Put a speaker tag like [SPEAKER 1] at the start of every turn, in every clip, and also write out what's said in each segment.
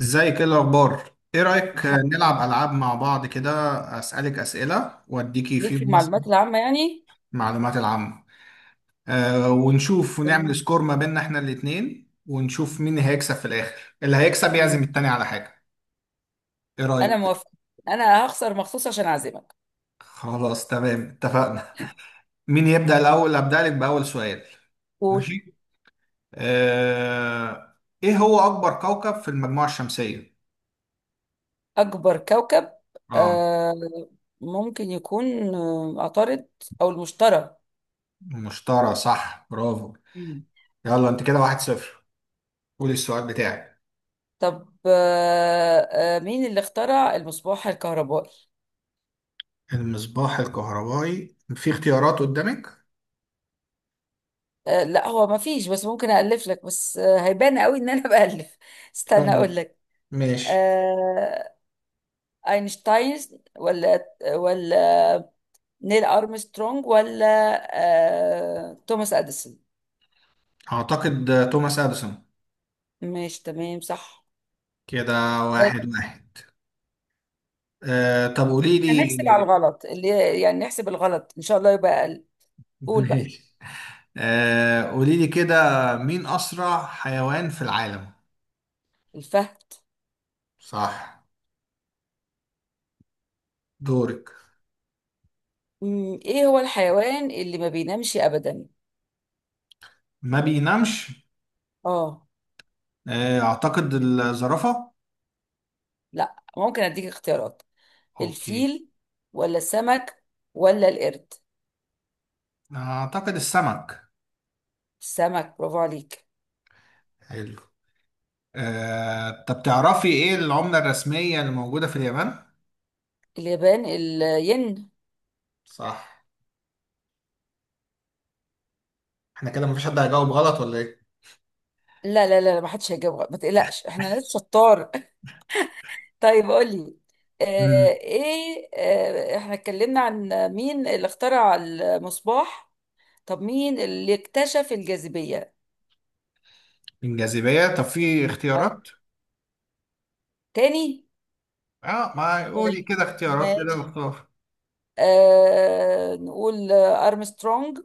[SPEAKER 1] ازيك، ايه الاخبار؟ ايه رايك
[SPEAKER 2] الحمد
[SPEAKER 1] نلعب
[SPEAKER 2] لله.
[SPEAKER 1] العاب مع بعض كده؟ اسالك اسئله واديكي
[SPEAKER 2] ليك في
[SPEAKER 1] فيهم مثلا
[SPEAKER 2] المعلومات العامة يعني.
[SPEAKER 1] معلومات العامه. ونشوف ونعمل
[SPEAKER 2] تمام.
[SPEAKER 1] سكور ما بيننا احنا الاتنين، ونشوف مين هيكسب في الاخر. اللي هيكسب يعزم التاني
[SPEAKER 2] ماشي.
[SPEAKER 1] على حاجه. ايه
[SPEAKER 2] أنا
[SPEAKER 1] رايك؟
[SPEAKER 2] موافقة. أنا هخسر مخصوص عشان أعزمك.
[SPEAKER 1] خلاص تمام، اتفقنا. مين يبدا الاول؟ ابدا لك باول سؤال.
[SPEAKER 2] قول.
[SPEAKER 1] ماشي. أه ايه هو اكبر كوكب في المجموعه الشمسيه؟
[SPEAKER 2] أكبر كوكب.
[SPEAKER 1] اه،
[SPEAKER 2] آه ممكن يكون عطارد أو المشتري.
[SPEAKER 1] المشتري، صح، برافو.
[SPEAKER 2] مم.
[SPEAKER 1] يلا، انت كده واحد صفر. قول السؤال بتاعك.
[SPEAKER 2] طب مين اللي اخترع المصباح الكهربائي؟
[SPEAKER 1] المصباح الكهربائي؟ في اختيارات قدامك؟
[SPEAKER 2] لا، هو ما فيش، بس ممكن ألف لك، بس هيبان قوي إن أنا بألف. استنى
[SPEAKER 1] خلاص،
[SPEAKER 2] أقول لك.
[SPEAKER 1] ماشي.
[SPEAKER 2] آه أينشتاين، ولا ولا نيل أرمسترونج، ولا توماس أديسون.
[SPEAKER 1] اعتقد توماس اديسون.
[SPEAKER 2] ماشي، تمام، صح.
[SPEAKER 1] كده واحد واحد. طب قولي
[SPEAKER 2] هنحسب على
[SPEAKER 1] لي.
[SPEAKER 2] الغلط، اللي يعني نحسب الغلط إن شاء الله يبقى أقل. قول بقى.
[SPEAKER 1] ماشي. قولي لي كده، مين اسرع حيوان في العالم؟
[SPEAKER 2] الفهد.
[SPEAKER 1] صح. دورك.
[SPEAKER 2] إيه هو الحيوان اللي ما بينامش أبدا؟
[SPEAKER 1] ما بينامش؟
[SPEAKER 2] آه
[SPEAKER 1] اعتقد الزرافة.
[SPEAKER 2] لا، ممكن أديك اختيارات.
[SPEAKER 1] اوكي.
[SPEAKER 2] الفيل ولا السمك ولا القرد؟
[SPEAKER 1] اعتقد السمك.
[SPEAKER 2] السمك، برافو عليك.
[SPEAKER 1] حلو. طب تعرفي ايه العملة الرسمية اللي موجودة في اليابان؟
[SPEAKER 2] اليابان، الين.
[SPEAKER 1] صح. احنا كده مفيش حد هيجاوب غلط ولا ايه؟
[SPEAKER 2] لا لا لا لا، ما حدش هيجاوب غلط. ما تقلقش، احنا ناس شطار. طيب قولي. آه،
[SPEAKER 1] مم.
[SPEAKER 2] ايه احنا اتكلمنا عن مين اللي اخترع المصباح. طب مين اللي اكتشف الجاذبية؟
[SPEAKER 1] الجاذبية؟ طب في
[SPEAKER 2] اه.
[SPEAKER 1] اختيارات؟
[SPEAKER 2] تاني.
[SPEAKER 1] اه. ما قولي
[SPEAKER 2] طيب
[SPEAKER 1] كده اختيارات كده
[SPEAKER 2] ماشي.
[SPEAKER 1] واختار.
[SPEAKER 2] نقول أرمسترونج،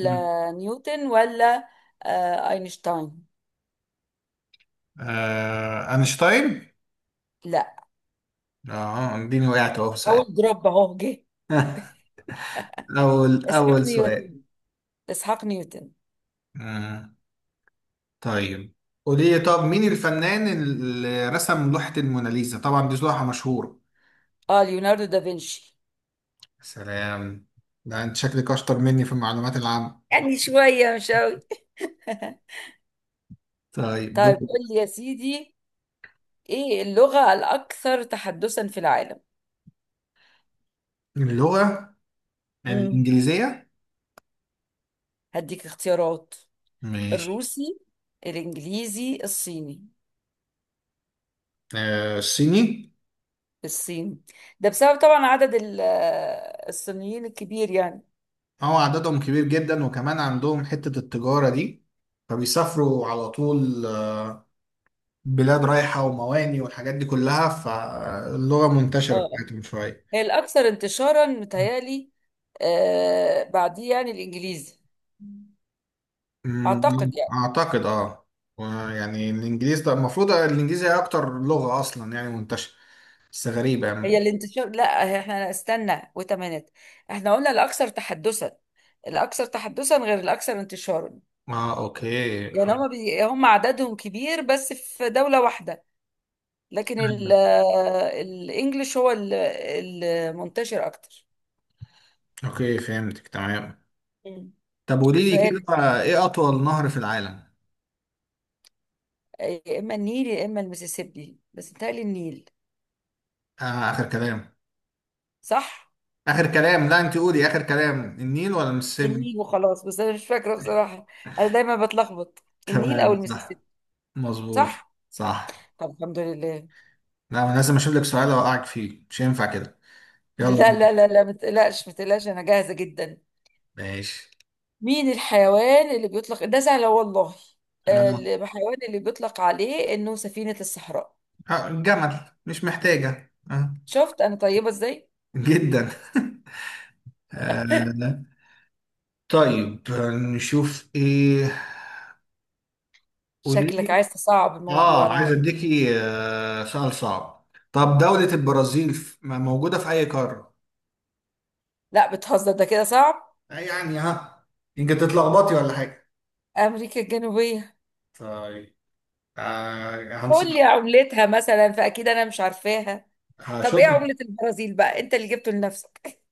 [SPEAKER 1] مم.
[SPEAKER 2] نيوتن، ولا أينشتاين؟
[SPEAKER 1] اينشتاين.
[SPEAKER 2] لا.
[SPEAKER 1] اه، اديني، وقعت اهو في سؤال.
[SPEAKER 2] أول دروب أهو جه. اسحاق
[SPEAKER 1] اول سؤال.
[SPEAKER 2] نيوتن، إسحاق نيوتن.
[SPEAKER 1] آه. طيب، قولي لي طب مين الفنان اللي رسم لوحة الموناليزا؟ طبعا دي لوحة مشهورة.
[SPEAKER 2] اه، ليوناردو دافنشي.
[SPEAKER 1] سلام، ده انت شكلك اشطر مني في المعلومات العامة.
[SPEAKER 2] يعني شوية، مش أوي.
[SPEAKER 1] طيب
[SPEAKER 2] طيب
[SPEAKER 1] دول.
[SPEAKER 2] قول لي يا سيدي. ايه اللغة الأكثر تحدثا في العالم؟
[SPEAKER 1] اللغة
[SPEAKER 2] مم.
[SPEAKER 1] الإنجليزية.
[SPEAKER 2] هديك اختيارات.
[SPEAKER 1] ماشي.
[SPEAKER 2] الروسي، الإنجليزي، الصيني.
[SPEAKER 1] الصيني.
[SPEAKER 2] الصين، ده بسبب طبعا عدد الصينيين الكبير يعني.
[SPEAKER 1] اه، عددهم كبير جدا، وكمان عندهم حتة التجارة دي، فبيسافروا على طول بلاد رايحة ومواني والحاجات دي كلها، فاللغة
[SPEAKER 2] اه،
[SPEAKER 1] منتشرة بتاعتهم شوية.
[SPEAKER 2] هي الأكثر انتشارا متهيألي. بعديه يعني الإنجليزي. أعتقد يعني.
[SPEAKER 1] أعتقد اه. يعني الإنجليزي ده، المفروض الإنجليزي هي أكتر لغة أصلا يعني منتشرة، بس غريبة
[SPEAKER 2] هي
[SPEAKER 1] يعني.
[SPEAKER 2] الانتشار لا. احنا استنى وتمانيت. احنا قلنا الأكثر تحدثا. الأكثر تحدثا غير الأكثر انتشارا.
[SPEAKER 1] اه، أوكي.
[SPEAKER 2] يعني هم هم عددهم كبير بس في دولة واحدة. لكن ال... الانجليش هو المنتشر اكتر.
[SPEAKER 1] أوكي، فهمتك تمام.
[SPEAKER 2] مم.
[SPEAKER 1] طب قولي لي
[SPEAKER 2] سؤال.
[SPEAKER 1] كده، إيه أطول نهر في العالم؟
[SPEAKER 2] يا اما النيل يا اما المسيسيبي، بس بيتهيألي النيل.
[SPEAKER 1] آه، آخر كلام.
[SPEAKER 2] صح.
[SPEAKER 1] آخر كلام؟ لا، أنت قولي، آخر كلام النيل ولا المسيسيبي؟
[SPEAKER 2] النيل وخلاص، بس انا مش فاكرة بصراحة. انا دايما بتلخبط. النيل او
[SPEAKER 1] تمام، صح.
[SPEAKER 2] المسيسيبي.
[SPEAKER 1] مظبوط.
[SPEAKER 2] صح.
[SPEAKER 1] صح.
[SPEAKER 2] طب الحمد لله.
[SPEAKER 1] لا، انا لازم اشوف لك سؤال اوقعك فيه، مش ينفع كده. يلا
[SPEAKER 2] لا لا
[SPEAKER 1] بينا.
[SPEAKER 2] لا لا، ما تقلقش، ما تقلقش، انا جاهزة جدا.
[SPEAKER 1] ماشي.
[SPEAKER 2] مين الحيوان اللي بيطلق، ده سهلة والله.
[SPEAKER 1] آه.
[SPEAKER 2] الحيوان اللي بيطلق عليه انه سفينة الصحراء.
[SPEAKER 1] الجمل. مش محتاجة آه.
[SPEAKER 2] شفت انا طيبه ازاي.
[SPEAKER 1] جدا. آه. طيب نشوف ايه. قولي
[SPEAKER 2] شكلك
[SPEAKER 1] لي.
[SPEAKER 2] عايز تصعب الموضوع،
[SPEAKER 1] اه،
[SPEAKER 2] انا
[SPEAKER 1] عايز
[SPEAKER 2] عارف.
[SPEAKER 1] اديكي سؤال صعب. طب دولة البرازيل موجودة في اي قارة؟
[SPEAKER 2] لا، بتهزر، ده كده صعب.
[SPEAKER 1] يعني ها، يمكن تتلخبطي ولا حاجة.
[SPEAKER 2] امريكا الجنوبيه.
[SPEAKER 1] طيب. هنصح.
[SPEAKER 2] قول لي عملتها مثلا، فاكيد انا مش عارفاها. طب
[SPEAKER 1] هشوف.
[SPEAKER 2] ايه عمله البرازيل بقى؟ انت اللي جبته لنفسك.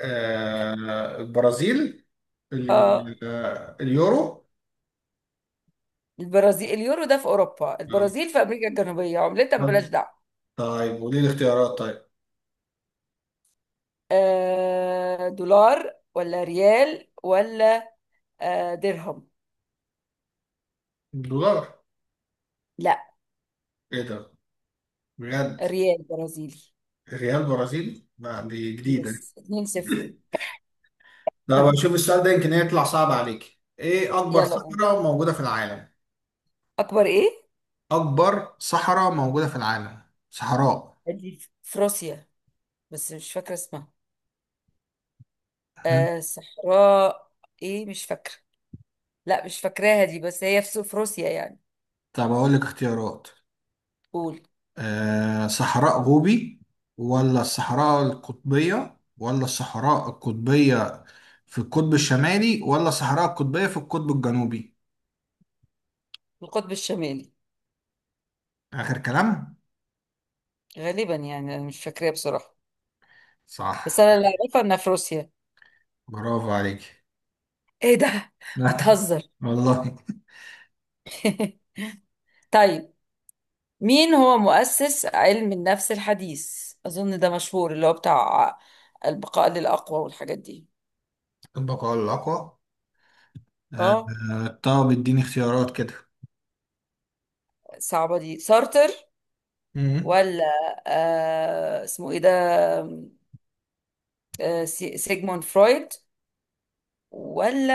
[SPEAKER 1] البرازيل،
[SPEAKER 2] اه،
[SPEAKER 1] اليورو.
[SPEAKER 2] البرازيل اليورو؟ ده في اوروبا،
[SPEAKER 1] آه.
[SPEAKER 2] البرازيل في امريكا الجنوبيه. عملتها
[SPEAKER 1] طب-
[SPEAKER 2] بلاش دعوه.
[SPEAKER 1] طيب، وليه الاختيارات طيب.
[SPEAKER 2] دولار، ولا ريال، ولا درهم.
[SPEAKER 1] الدولار.
[SPEAKER 2] لا.
[SPEAKER 1] ايه ده؟ بجد.
[SPEAKER 2] ريال برازيلي.
[SPEAKER 1] ريال برازيلي؟ لا دي جديدة.
[SPEAKER 2] يس، 2-0.
[SPEAKER 1] طب اشوف السؤال ده، يمكن يطلع صعب عليك. ايه اكبر
[SPEAKER 2] يلا قوم.
[SPEAKER 1] صحراء موجودة في العالم؟
[SPEAKER 2] اكبر ايه؟
[SPEAKER 1] اكبر صحراء موجودة في العالم. صحراء.
[SPEAKER 2] دي في روسيا، بس مش فاكرة اسمها.
[SPEAKER 1] مم.
[SPEAKER 2] صحراء ايه، مش فاكرة. لا، مش فاكراها دي، بس هي في روسيا يعني.
[SPEAKER 1] طب اقول لك اختيارات.
[SPEAKER 2] قول.
[SPEAKER 1] صحراء غوبي، ولا الصحراء القطبية، ولا الصحراء القطبية في القطب الشمالي، ولا الصحراء القطبية في القطب الجنوبي.
[SPEAKER 2] في القطب الشمالي
[SPEAKER 1] آخر كلام.
[SPEAKER 2] غالبا، يعني انا مش فاكراها بصراحة. بس
[SPEAKER 1] صح،
[SPEAKER 2] انا اللي اعرفها انها في روسيا.
[SPEAKER 1] برافو عليك.
[SPEAKER 2] ايه ده، بتهزر.
[SPEAKER 1] والله.
[SPEAKER 2] طيب، مين هو مؤسس علم النفس الحديث؟ اظن ده مشهور، اللي هو بتاع البقاء للأقوى والحاجات دي.
[SPEAKER 1] طبق على الأقوى. آه،
[SPEAKER 2] اه،
[SPEAKER 1] طب اديني اختيارات كده.
[SPEAKER 2] صعبة دي. سارتر،
[SPEAKER 1] مم.
[SPEAKER 2] ولا اسمه ايه ده، سيجموند فرويد، ولا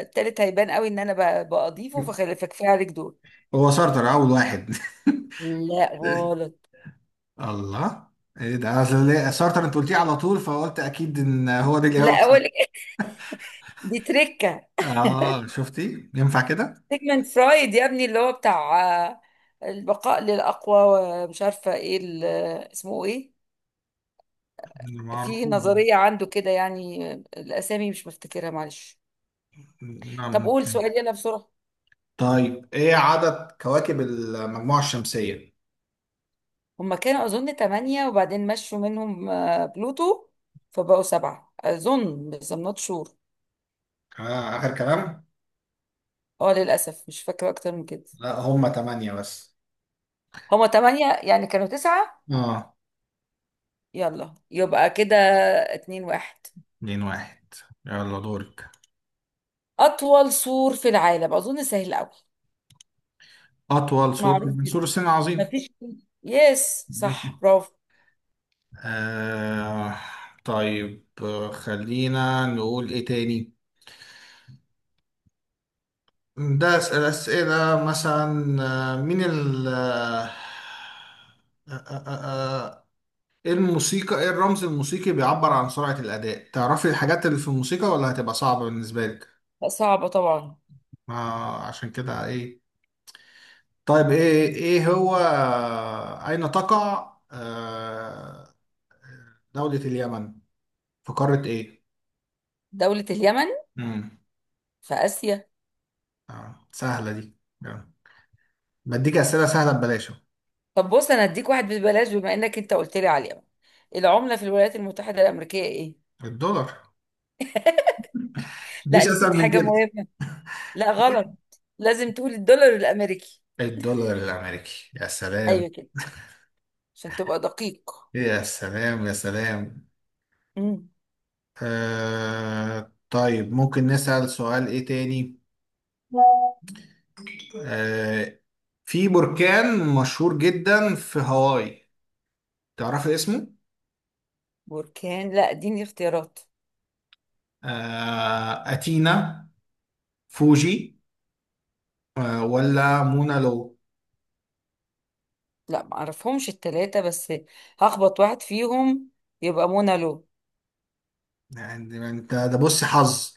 [SPEAKER 2] التالت هيبان قوي ان انا بأضيفه، فكفايه عليك دول.
[SPEAKER 1] هو سارتر أول واحد؟
[SPEAKER 2] لا، غلط.
[SPEAKER 1] الله، ايه ده؟ سارتر انت قلتيه على طول، فقلت اكيد ان هو ده
[SPEAKER 2] لا،
[SPEAKER 1] الإجابة
[SPEAKER 2] اقول
[SPEAKER 1] اصلا.
[SPEAKER 2] لك إيه، دي تركه.
[SPEAKER 1] اه، شفتي ينفع كده.
[SPEAKER 2] سيجمنت فرايد، يا ابني، اللي هو بتاع آه، البقاء للاقوى، ومش عارفه ايه اسمه ايه.
[SPEAKER 1] أنا ما
[SPEAKER 2] في
[SPEAKER 1] أعرفوش.
[SPEAKER 2] نظريه عنده كده، يعني الاسامي مش مفتكرها، معلش.
[SPEAKER 1] نعم،
[SPEAKER 2] طب
[SPEAKER 1] مش
[SPEAKER 2] قول
[SPEAKER 1] فاهم.
[SPEAKER 2] سؤال، يلا بسرعه.
[SPEAKER 1] طيب، ايه عدد كواكب المجموعة الشمسية؟
[SPEAKER 2] هما كانوا اظن ثمانية، وبعدين مشوا منهم بلوتو، فبقوا سبعة اظن، بس I'm not sure.
[SPEAKER 1] آه، آخر كلام؟
[SPEAKER 2] اه، للاسف مش فاكره اكتر من كده.
[SPEAKER 1] لا هما تمانية بس.
[SPEAKER 2] هما تمانية، يعني كانوا تسعة.
[SPEAKER 1] آه.
[SPEAKER 2] يلا يبقى كده، 2-1.
[SPEAKER 1] اتنين واحد. يلا دورك.
[SPEAKER 2] أطول سور في العالم، أظن سهل أوي.
[SPEAKER 1] أطول سور
[SPEAKER 2] معروف
[SPEAKER 1] من سور
[SPEAKER 2] جدا،
[SPEAKER 1] الصين العظيم.
[SPEAKER 2] مفيش. يس، صح، برافو.
[SPEAKER 1] آه. طيب خلينا نقول إيه تاني. ده أسئلة، أسئلة مثلا. آه، مين ال آه، آه، آه، آه، ايه الموسيقى، ايه الرمز الموسيقي بيعبر عن سرعة الأداء؟ تعرفي الحاجات اللي في الموسيقى ولا هتبقى صعبة بالنسبة لك؟
[SPEAKER 2] لا، صعبة طبعا.
[SPEAKER 1] ما عشان كده ايه. طيب ايه هو، اين تقع دولة اليمن، في قارة ايه؟
[SPEAKER 2] دولة اليمن
[SPEAKER 1] امم.
[SPEAKER 2] في آسيا.
[SPEAKER 1] سهلة دي. آه. بديك أسئلة سهلة ببلاش أهو.
[SPEAKER 2] طب بص، أنا هديك واحد ببلاش، بما إنك أنت قلت لي على اليمن. العملة في الولايات المتحدة الأمريكية إيه؟
[SPEAKER 1] الدولار.
[SPEAKER 2] لا،
[SPEAKER 1] مفيش
[SPEAKER 2] نسيت
[SPEAKER 1] أسهل من
[SPEAKER 2] حاجة
[SPEAKER 1] كده.
[SPEAKER 2] مهمة. لا، غلط. لازم تقول الدولار الأمريكي.
[SPEAKER 1] الدولار الأمريكي. يا
[SPEAKER 2] أيوة
[SPEAKER 1] سلام،
[SPEAKER 2] كده، عشان تبقى دقيق.
[SPEAKER 1] يا سلام، يا سلام.
[SPEAKER 2] مم.
[SPEAKER 1] آه طيب، ممكن نسأل سؤال إيه تاني. آه، في بركان مشهور جدا في هاواي، تعرفي اسمه؟
[SPEAKER 2] بركان، لا اديني اختيارات.
[SPEAKER 1] أتينا، فوجي، ولا مونا لو؟
[SPEAKER 2] لا معرفهمش التلاتة، بس هخبط واحد فيهم، يبقى منى لو.
[SPEAKER 1] يعني انت ده بص، حظ،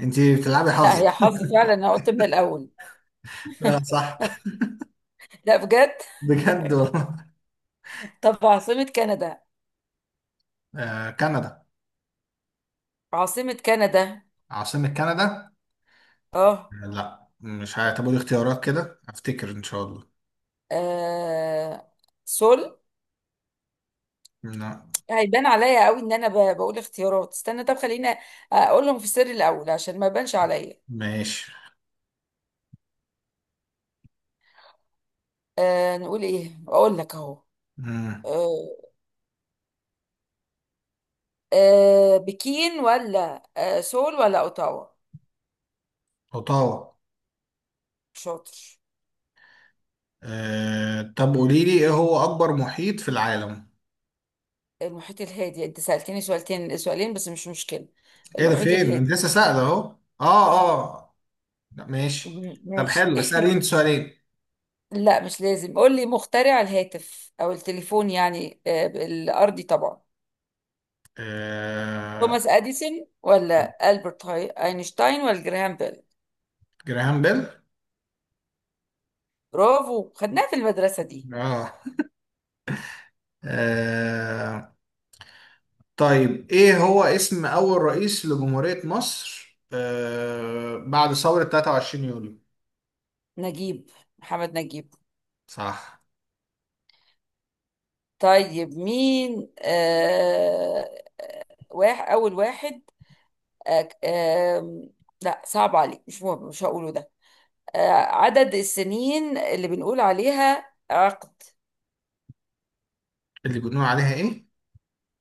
[SPEAKER 1] انت بتلعبي
[SPEAKER 2] لا،
[SPEAKER 1] حظ.
[SPEAKER 2] هي حظ فعلا، انا قلت من الاول.
[SPEAKER 1] لا صح.
[SPEAKER 2] لا، بجد.
[SPEAKER 1] بجد والله.
[SPEAKER 2] طب، عاصمة كندا؟
[SPEAKER 1] كندا.
[SPEAKER 2] عاصمة كندا؟
[SPEAKER 1] عاصمة كندا؟
[SPEAKER 2] اه.
[SPEAKER 1] لا مش هتبقى اختيارات كده، افتكر ان شاء الله.
[SPEAKER 2] آه، سول؟
[SPEAKER 1] لا
[SPEAKER 2] هيبان عليا قوي ان انا بقول اختيارات. استنى، طب خلينا اقولهم في السر الاول، عشان ما يبانش عليا.
[SPEAKER 1] ماشي.
[SPEAKER 2] نقول ايه، اقول لك اهو.
[SPEAKER 1] مم.
[SPEAKER 2] آه بكين، ولا سول، ولا اوتاوا؟
[SPEAKER 1] اوتاوا.
[SPEAKER 2] شاطر.
[SPEAKER 1] طب قولي لي، ايه هو اكبر محيط في العالم؟
[SPEAKER 2] المحيط الهادي. انت سألتني سؤالتين، سؤالين بس، مش مشكلة.
[SPEAKER 1] ايه ده
[SPEAKER 2] المحيط
[SPEAKER 1] فين؟ انت
[SPEAKER 2] الهادي.
[SPEAKER 1] لسه سائل اهو. اه اه، لا ماشي. طب
[SPEAKER 2] ماشي.
[SPEAKER 1] حلو، اسأليني انت سؤالين.
[SPEAKER 2] لا، مش لازم. قول لي مخترع الهاتف او التليفون، يعني الارضي طبعا.
[SPEAKER 1] آه.
[SPEAKER 2] توماس اديسون، ولا اينشتاين، ولا جراهام بيل؟
[SPEAKER 1] جراهام بيل.
[SPEAKER 2] برافو، خدناها في المدرسة دي.
[SPEAKER 1] اه. آه. طيب، ايه هو اسم اول رئيس لجمهورية مصر بعد ثورة 23 يوليو؟
[SPEAKER 2] نجيب. محمد نجيب.
[SPEAKER 1] صح.
[SPEAKER 2] طيب، مين واحد اول واحد؟ آه آه لا، صعب عليك، مش مهم، مش هقوله ده. عدد السنين اللي بنقول عليها عقد.
[SPEAKER 1] اللي بنقول عليها ايه؟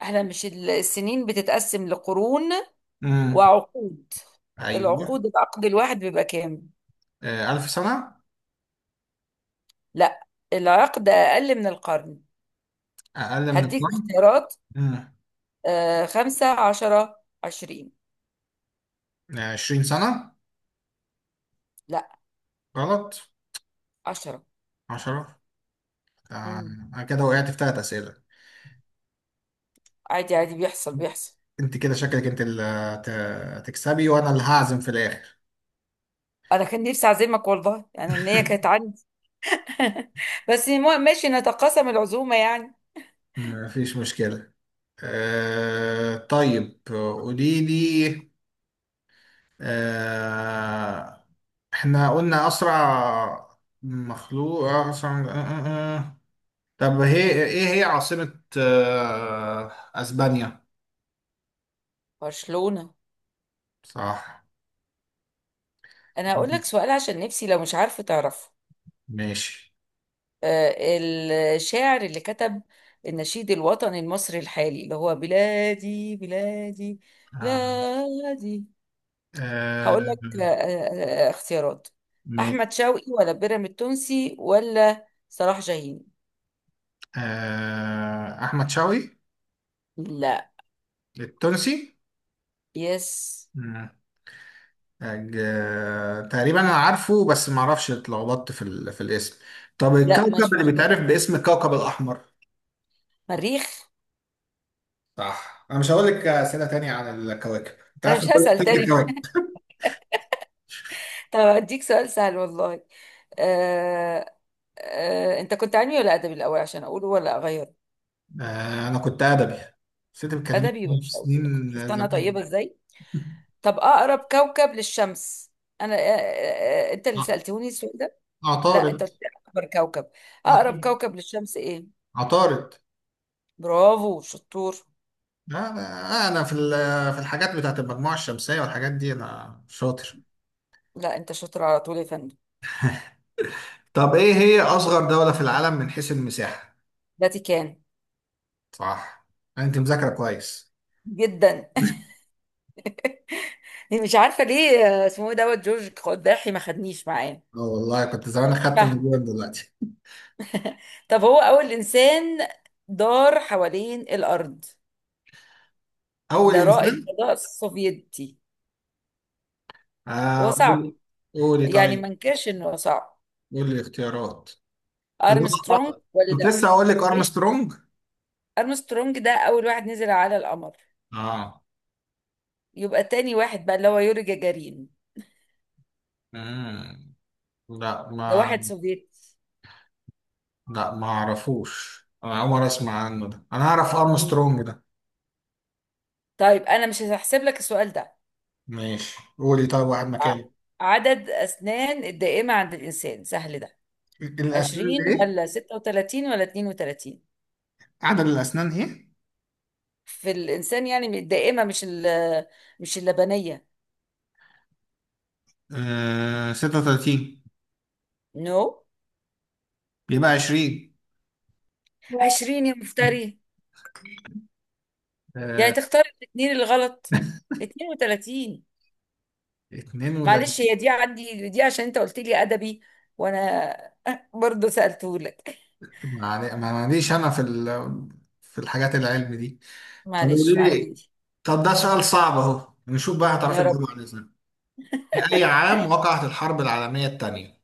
[SPEAKER 2] احنا مش السنين بتتقسم لقرون
[SPEAKER 1] امم.
[SPEAKER 2] وعقود.
[SPEAKER 1] ايوه.
[SPEAKER 2] العقد الواحد بيبقى كام؟
[SPEAKER 1] آه... 1000 سنة.
[SPEAKER 2] لا. العقد اقل من القرن.
[SPEAKER 1] اقل من
[SPEAKER 2] هديك
[SPEAKER 1] القرن.
[SPEAKER 2] اختيارات.
[SPEAKER 1] امم.
[SPEAKER 2] خمسة، 10، 20.
[SPEAKER 1] 20 سنة.
[SPEAKER 2] لا.
[SPEAKER 1] غلط.
[SPEAKER 2] 10.
[SPEAKER 1] 10. آه...
[SPEAKER 2] مم.
[SPEAKER 1] أنا كده وقعت في ثلاث أسئلة.
[SPEAKER 2] عادي عادي، بيحصل بيحصل.
[SPEAKER 1] انت كده شكلك انت اللي هتكسبي، وانا اللي هعزم في الاخر.
[SPEAKER 2] انا كان نفسي اعزمك والله، يعني ان هي كانت عندي. بس ماشي، نتقاسم العزومة يعني.
[SPEAKER 1] مفيش مشكلة. آه طيب، قولي لي. آه، احنا قلنا اسرع مخلوق، اسرع آه آه آه. طب هي ايه هي عاصمة اسبانيا؟
[SPEAKER 2] برشلونة.
[SPEAKER 1] صح.
[SPEAKER 2] انا هقول لك سؤال، عشان نفسي لو مش عارفة تعرفه.
[SPEAKER 1] ماشي.
[SPEAKER 2] آه، الشاعر اللي كتب النشيد الوطني المصري الحالي، اللي هو بلادي بلادي
[SPEAKER 1] آه.
[SPEAKER 2] بلادي.
[SPEAKER 1] آه،
[SPEAKER 2] هقول لك اختيارات.
[SPEAKER 1] ماشي.
[SPEAKER 2] أحمد شوقي، ولا بيراميد التونسي، ولا صلاح جاهين؟
[SPEAKER 1] آه، احمد شوقي.
[SPEAKER 2] لا.
[SPEAKER 1] التونسي.
[SPEAKER 2] يس.
[SPEAKER 1] تقريبا انا عارفه بس ما اعرفش، اتلخبطت في في الاسم. طب
[SPEAKER 2] لا،
[SPEAKER 1] الكوكب
[SPEAKER 2] مش
[SPEAKER 1] اللي
[SPEAKER 2] مشكلة.
[SPEAKER 1] بيتعرف باسم الكوكب الاحمر.
[SPEAKER 2] مريخ.
[SPEAKER 1] صح. انا مش هقول لك اسئله تانية عن الكواكب، انت
[SPEAKER 2] أنا
[SPEAKER 1] عارف
[SPEAKER 2] مش
[SPEAKER 1] كل تلت
[SPEAKER 2] هسأل تاني.
[SPEAKER 1] الكواكب.
[SPEAKER 2] طب هديك سؤال سهل والله. آه أنت كنت علمي ولا أدبي الأول، عشان أقوله ولا أغيره؟
[SPEAKER 1] آه، انا كنت ادبي، بس انت بتكلمني
[SPEAKER 2] أدبي، يبقى
[SPEAKER 1] في
[SPEAKER 2] مش هقوله لك. شفت
[SPEAKER 1] سنين
[SPEAKER 2] أنا
[SPEAKER 1] زمان.
[SPEAKER 2] طيبة إزاي. طب، اقرب كوكب للشمس. انا انت اللي
[SPEAKER 1] ع-
[SPEAKER 2] سألتوني السؤال ده. لا، انت
[SPEAKER 1] عطارد.
[SPEAKER 2] قلت لي اكبر كوكب. اقرب
[SPEAKER 1] عطارد.
[SPEAKER 2] كوكب للشمس ايه؟
[SPEAKER 1] عطارد.
[SPEAKER 2] برافو، شطور.
[SPEAKER 1] لا، لا، انا في في الحاجات بتاعت المجموعه الشمسيه والحاجات دي انا شاطر.
[SPEAKER 2] لا، انت شاطر على طول، يا فندم.
[SPEAKER 1] طب ايه هي اصغر دوله في العالم من حيث المساحه؟
[SPEAKER 2] فاتيكان.
[SPEAKER 1] صح. انت مذاكره كويس.
[SPEAKER 2] جدا. مش عارفه ليه، اسمه إيه دوت جورج قداحي ما خدنيش معاه.
[SPEAKER 1] اه والله كنت زمان،
[SPEAKER 2] مش
[SPEAKER 1] اخدت من
[SPEAKER 2] فاهمه.
[SPEAKER 1] جوه دلوقتي.
[SPEAKER 2] طب هو اول انسان دار حوالين الارض،
[SPEAKER 1] اول
[SPEAKER 2] ده رائد
[SPEAKER 1] انسان.
[SPEAKER 2] فضاء سوفيتي. هو صعب،
[SPEAKER 1] قولي. قولي
[SPEAKER 2] يعني ما
[SPEAKER 1] طيب.
[SPEAKER 2] انكرش انه صعب.
[SPEAKER 1] قولي الاختيارات. اللي
[SPEAKER 2] ارمسترونج
[SPEAKER 1] هو،
[SPEAKER 2] ولا.
[SPEAKER 1] كنت لسه هقول لك
[SPEAKER 2] ايه؟
[SPEAKER 1] ارمسترونج.
[SPEAKER 2] ارمسترونج ده اول واحد نزل على القمر،
[SPEAKER 1] اه.
[SPEAKER 2] يبقى تاني واحد بقى، اللي هو يوري جاجارين.
[SPEAKER 1] مم. لا
[SPEAKER 2] ده
[SPEAKER 1] ما
[SPEAKER 2] واحد سوفيتي.
[SPEAKER 1] لا ما اعرفوش، انا اول مره اسمع عنه ده، انا اعرف
[SPEAKER 2] مم.
[SPEAKER 1] ارمسترونج ده.
[SPEAKER 2] طيب انا مش هحسب لك السؤال ده.
[SPEAKER 1] ماشي قولي طيب واحد
[SPEAKER 2] ع-
[SPEAKER 1] مكانه.
[SPEAKER 2] عدد اسنان الدائمة عند الانسان، سهل ده.
[SPEAKER 1] الاسنان
[SPEAKER 2] 20
[SPEAKER 1] اللي ايه؟
[SPEAKER 2] ولا 36 ولا 32؟
[SPEAKER 1] عدد الاسنان ايه؟
[SPEAKER 2] في الانسان يعني الدائمة، مش مش اللبنية.
[SPEAKER 1] آه، 36.
[SPEAKER 2] نو، no.
[SPEAKER 1] يبقى 20.
[SPEAKER 2] 20، يا مفتري، يعني
[SPEAKER 1] آه،
[SPEAKER 2] تختار الاثنين الغلط. 32. معلش،
[SPEAKER 1] 32.
[SPEAKER 2] هي دي عندي دي، عشان انت قلت لي ادبي، وانا برضه سالته لك.
[SPEAKER 1] ما ماليش انا في في الحاجات العلم دي. طب
[SPEAKER 2] معلش
[SPEAKER 1] قولي
[SPEAKER 2] عندي
[SPEAKER 1] لي.
[SPEAKER 2] دي.
[SPEAKER 1] طب ده سؤال صعب اهو، نشوف بقى هتعرفي
[SPEAKER 2] يا رب.
[SPEAKER 1] تجاوبي عليه ازاي. في اي عام وقعت الحرب العالميه الثانيه؟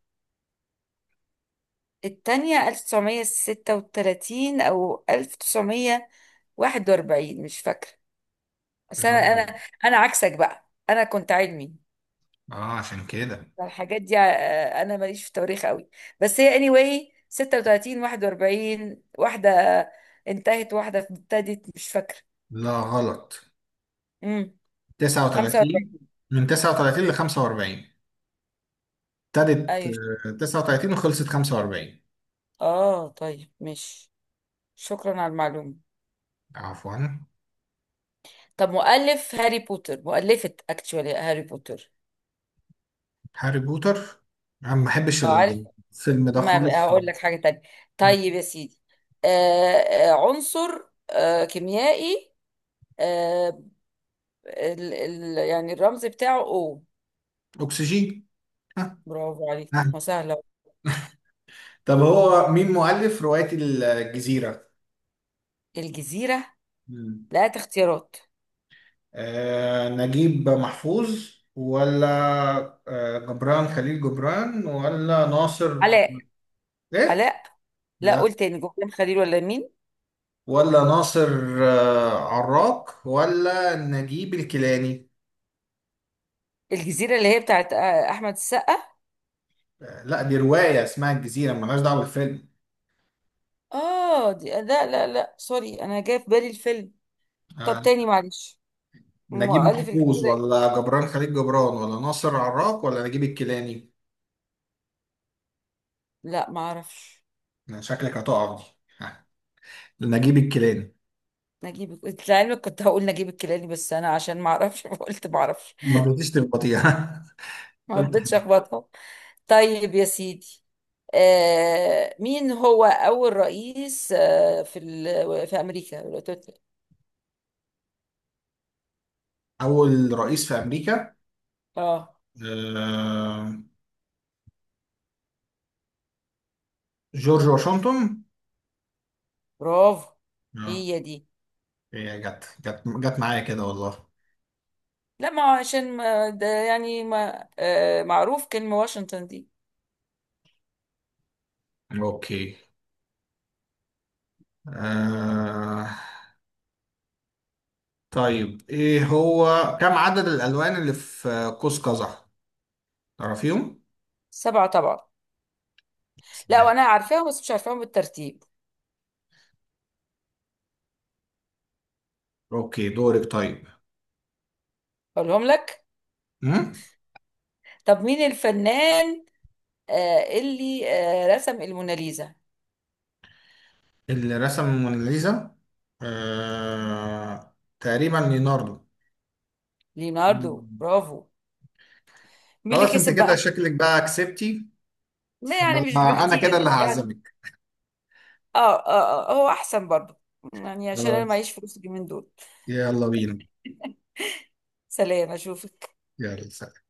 [SPEAKER 2] التانية 1936 او 1941، مش فاكره. بس انا
[SPEAKER 1] اه.
[SPEAKER 2] انا انا عكسك، بقى انا كنت علمي،
[SPEAKER 1] عشان كده.
[SPEAKER 2] فالحاجات دي انا ماليش في التواريخ قوي. بس هي اني anyway 36 41، واحده انتهت واحده ابتدت، مش فاكره.
[SPEAKER 1] لا غلط.
[SPEAKER 2] امم
[SPEAKER 1] 39.
[SPEAKER 2] 45.
[SPEAKER 1] من 39 ل 45. ابتدت
[SPEAKER 2] ايوه.
[SPEAKER 1] 39 وخلصت 45.
[SPEAKER 2] اه، طيب، ماشي. شكرا على المعلومة.
[SPEAKER 1] عفوا.
[SPEAKER 2] طب مؤلف هاري بوتر، مؤلفة اكتشوالي هاري بوتر.
[SPEAKER 1] هاري بوتر. انا ما بحبش
[SPEAKER 2] عارف،
[SPEAKER 1] الفيلم ده
[SPEAKER 2] ما بقى
[SPEAKER 1] خالص.
[SPEAKER 2] هقول لك حاجة تانية.
[SPEAKER 1] م.
[SPEAKER 2] طيب يا سيدي. عنصر كيميائي. آه ال يعني الرمز بتاعه او.
[SPEAKER 1] اكسجين.
[SPEAKER 2] برافو عليك،
[SPEAKER 1] ها.
[SPEAKER 2] ما سهلة.
[SPEAKER 1] طب هو مين مؤلف رواية الجزيرة؟
[SPEAKER 2] الجزيرة.
[SPEAKER 1] مم.
[SPEAKER 2] لا، اختيارات.
[SPEAKER 1] آه نجيب محفوظ، ولا آه جبران خليل جبران، ولا ناصر.
[SPEAKER 2] علاء.
[SPEAKER 1] إيه؟
[SPEAKER 2] علاء. لا،
[SPEAKER 1] لا.
[SPEAKER 2] قول تاني. جوهان خليل ولا مين؟
[SPEAKER 1] ولا ناصر، آه عراق، ولا نجيب الكيلاني؟
[SPEAKER 2] الجزيرة اللي هي بتاعت أحمد السقا.
[SPEAKER 1] آه لا، دي رواية اسمها الجزيرة، ملهاش دعوة بالفيلم.
[SPEAKER 2] اه دي، لا لا لا، سوري، أنا جاي في بالي الفيلم. طب
[SPEAKER 1] آه
[SPEAKER 2] تاني، معلش.
[SPEAKER 1] نجيب
[SPEAKER 2] مؤلف
[SPEAKER 1] محفوظ،
[SPEAKER 2] الجزيرة إيه؟
[SPEAKER 1] ولا جبران خليل جبران، ولا ناصر عراق، ولا نجيب الكيلاني؟
[SPEAKER 2] لا، ما اعرفش.
[SPEAKER 1] شكلك هتقع دي. نجيب الكيلاني.
[SPEAKER 2] نجيب. انت لعلمك كنت هقول نجيب الكيلاني، بس انا عشان ما اعرفش قلت ما اعرفش.
[SPEAKER 1] ما رضيتيش تغلطيها.
[SPEAKER 2] ما رضيتش اخبطها. طيب يا سيدي. مين هو اول رئيس في في امريكا الولايات المتحدة؟
[SPEAKER 1] أول رئيس في أمريكا.
[SPEAKER 2] اه.
[SPEAKER 1] آه، جورج واشنطن.
[SPEAKER 2] برافو.
[SPEAKER 1] اه.
[SPEAKER 2] هي دي.
[SPEAKER 1] هي جت معايا كده والله.
[SPEAKER 2] لا، ما هو عشان ما ده يعني ما معروف كلمة واشنطن دي.
[SPEAKER 1] أوكي. آه، طيب، إيه هو، كم عدد الألوان اللي في قوس قزح؟ تعرفيهم؟
[SPEAKER 2] سبعة طبعا. لا،
[SPEAKER 1] سلام.
[SPEAKER 2] وانا عارفاهم، بس مش عارفاهم بالترتيب.
[SPEAKER 1] أوكي، دورك طيب.
[SPEAKER 2] اقولهم لك.
[SPEAKER 1] هم؟
[SPEAKER 2] طب، مين الفنان اللي رسم الموناليزا؟
[SPEAKER 1] اللي رسم الموناليزا. آه، تقريبا ليوناردو.
[SPEAKER 2] ليوناردو.
[SPEAKER 1] مم.
[SPEAKER 2] برافو. مين اللي
[SPEAKER 1] خلاص، انت
[SPEAKER 2] كسب
[SPEAKER 1] كده
[SPEAKER 2] بقى؟
[SPEAKER 1] شكلك بقى كسبتي.
[SPEAKER 2] ما يعني مش
[SPEAKER 1] فانا، أنا كده اللي
[SPEAKER 2] بكتير يعني.
[SPEAKER 1] هعزمك.
[SPEAKER 2] اه. اه، هو احسن برضه، يعني عشان انا
[SPEAKER 1] خلاص،
[SPEAKER 2] معيش فلوس اليومين دول.
[SPEAKER 1] يلا بينا.
[SPEAKER 2] سلام، اشوفك.
[SPEAKER 1] يلا سلام.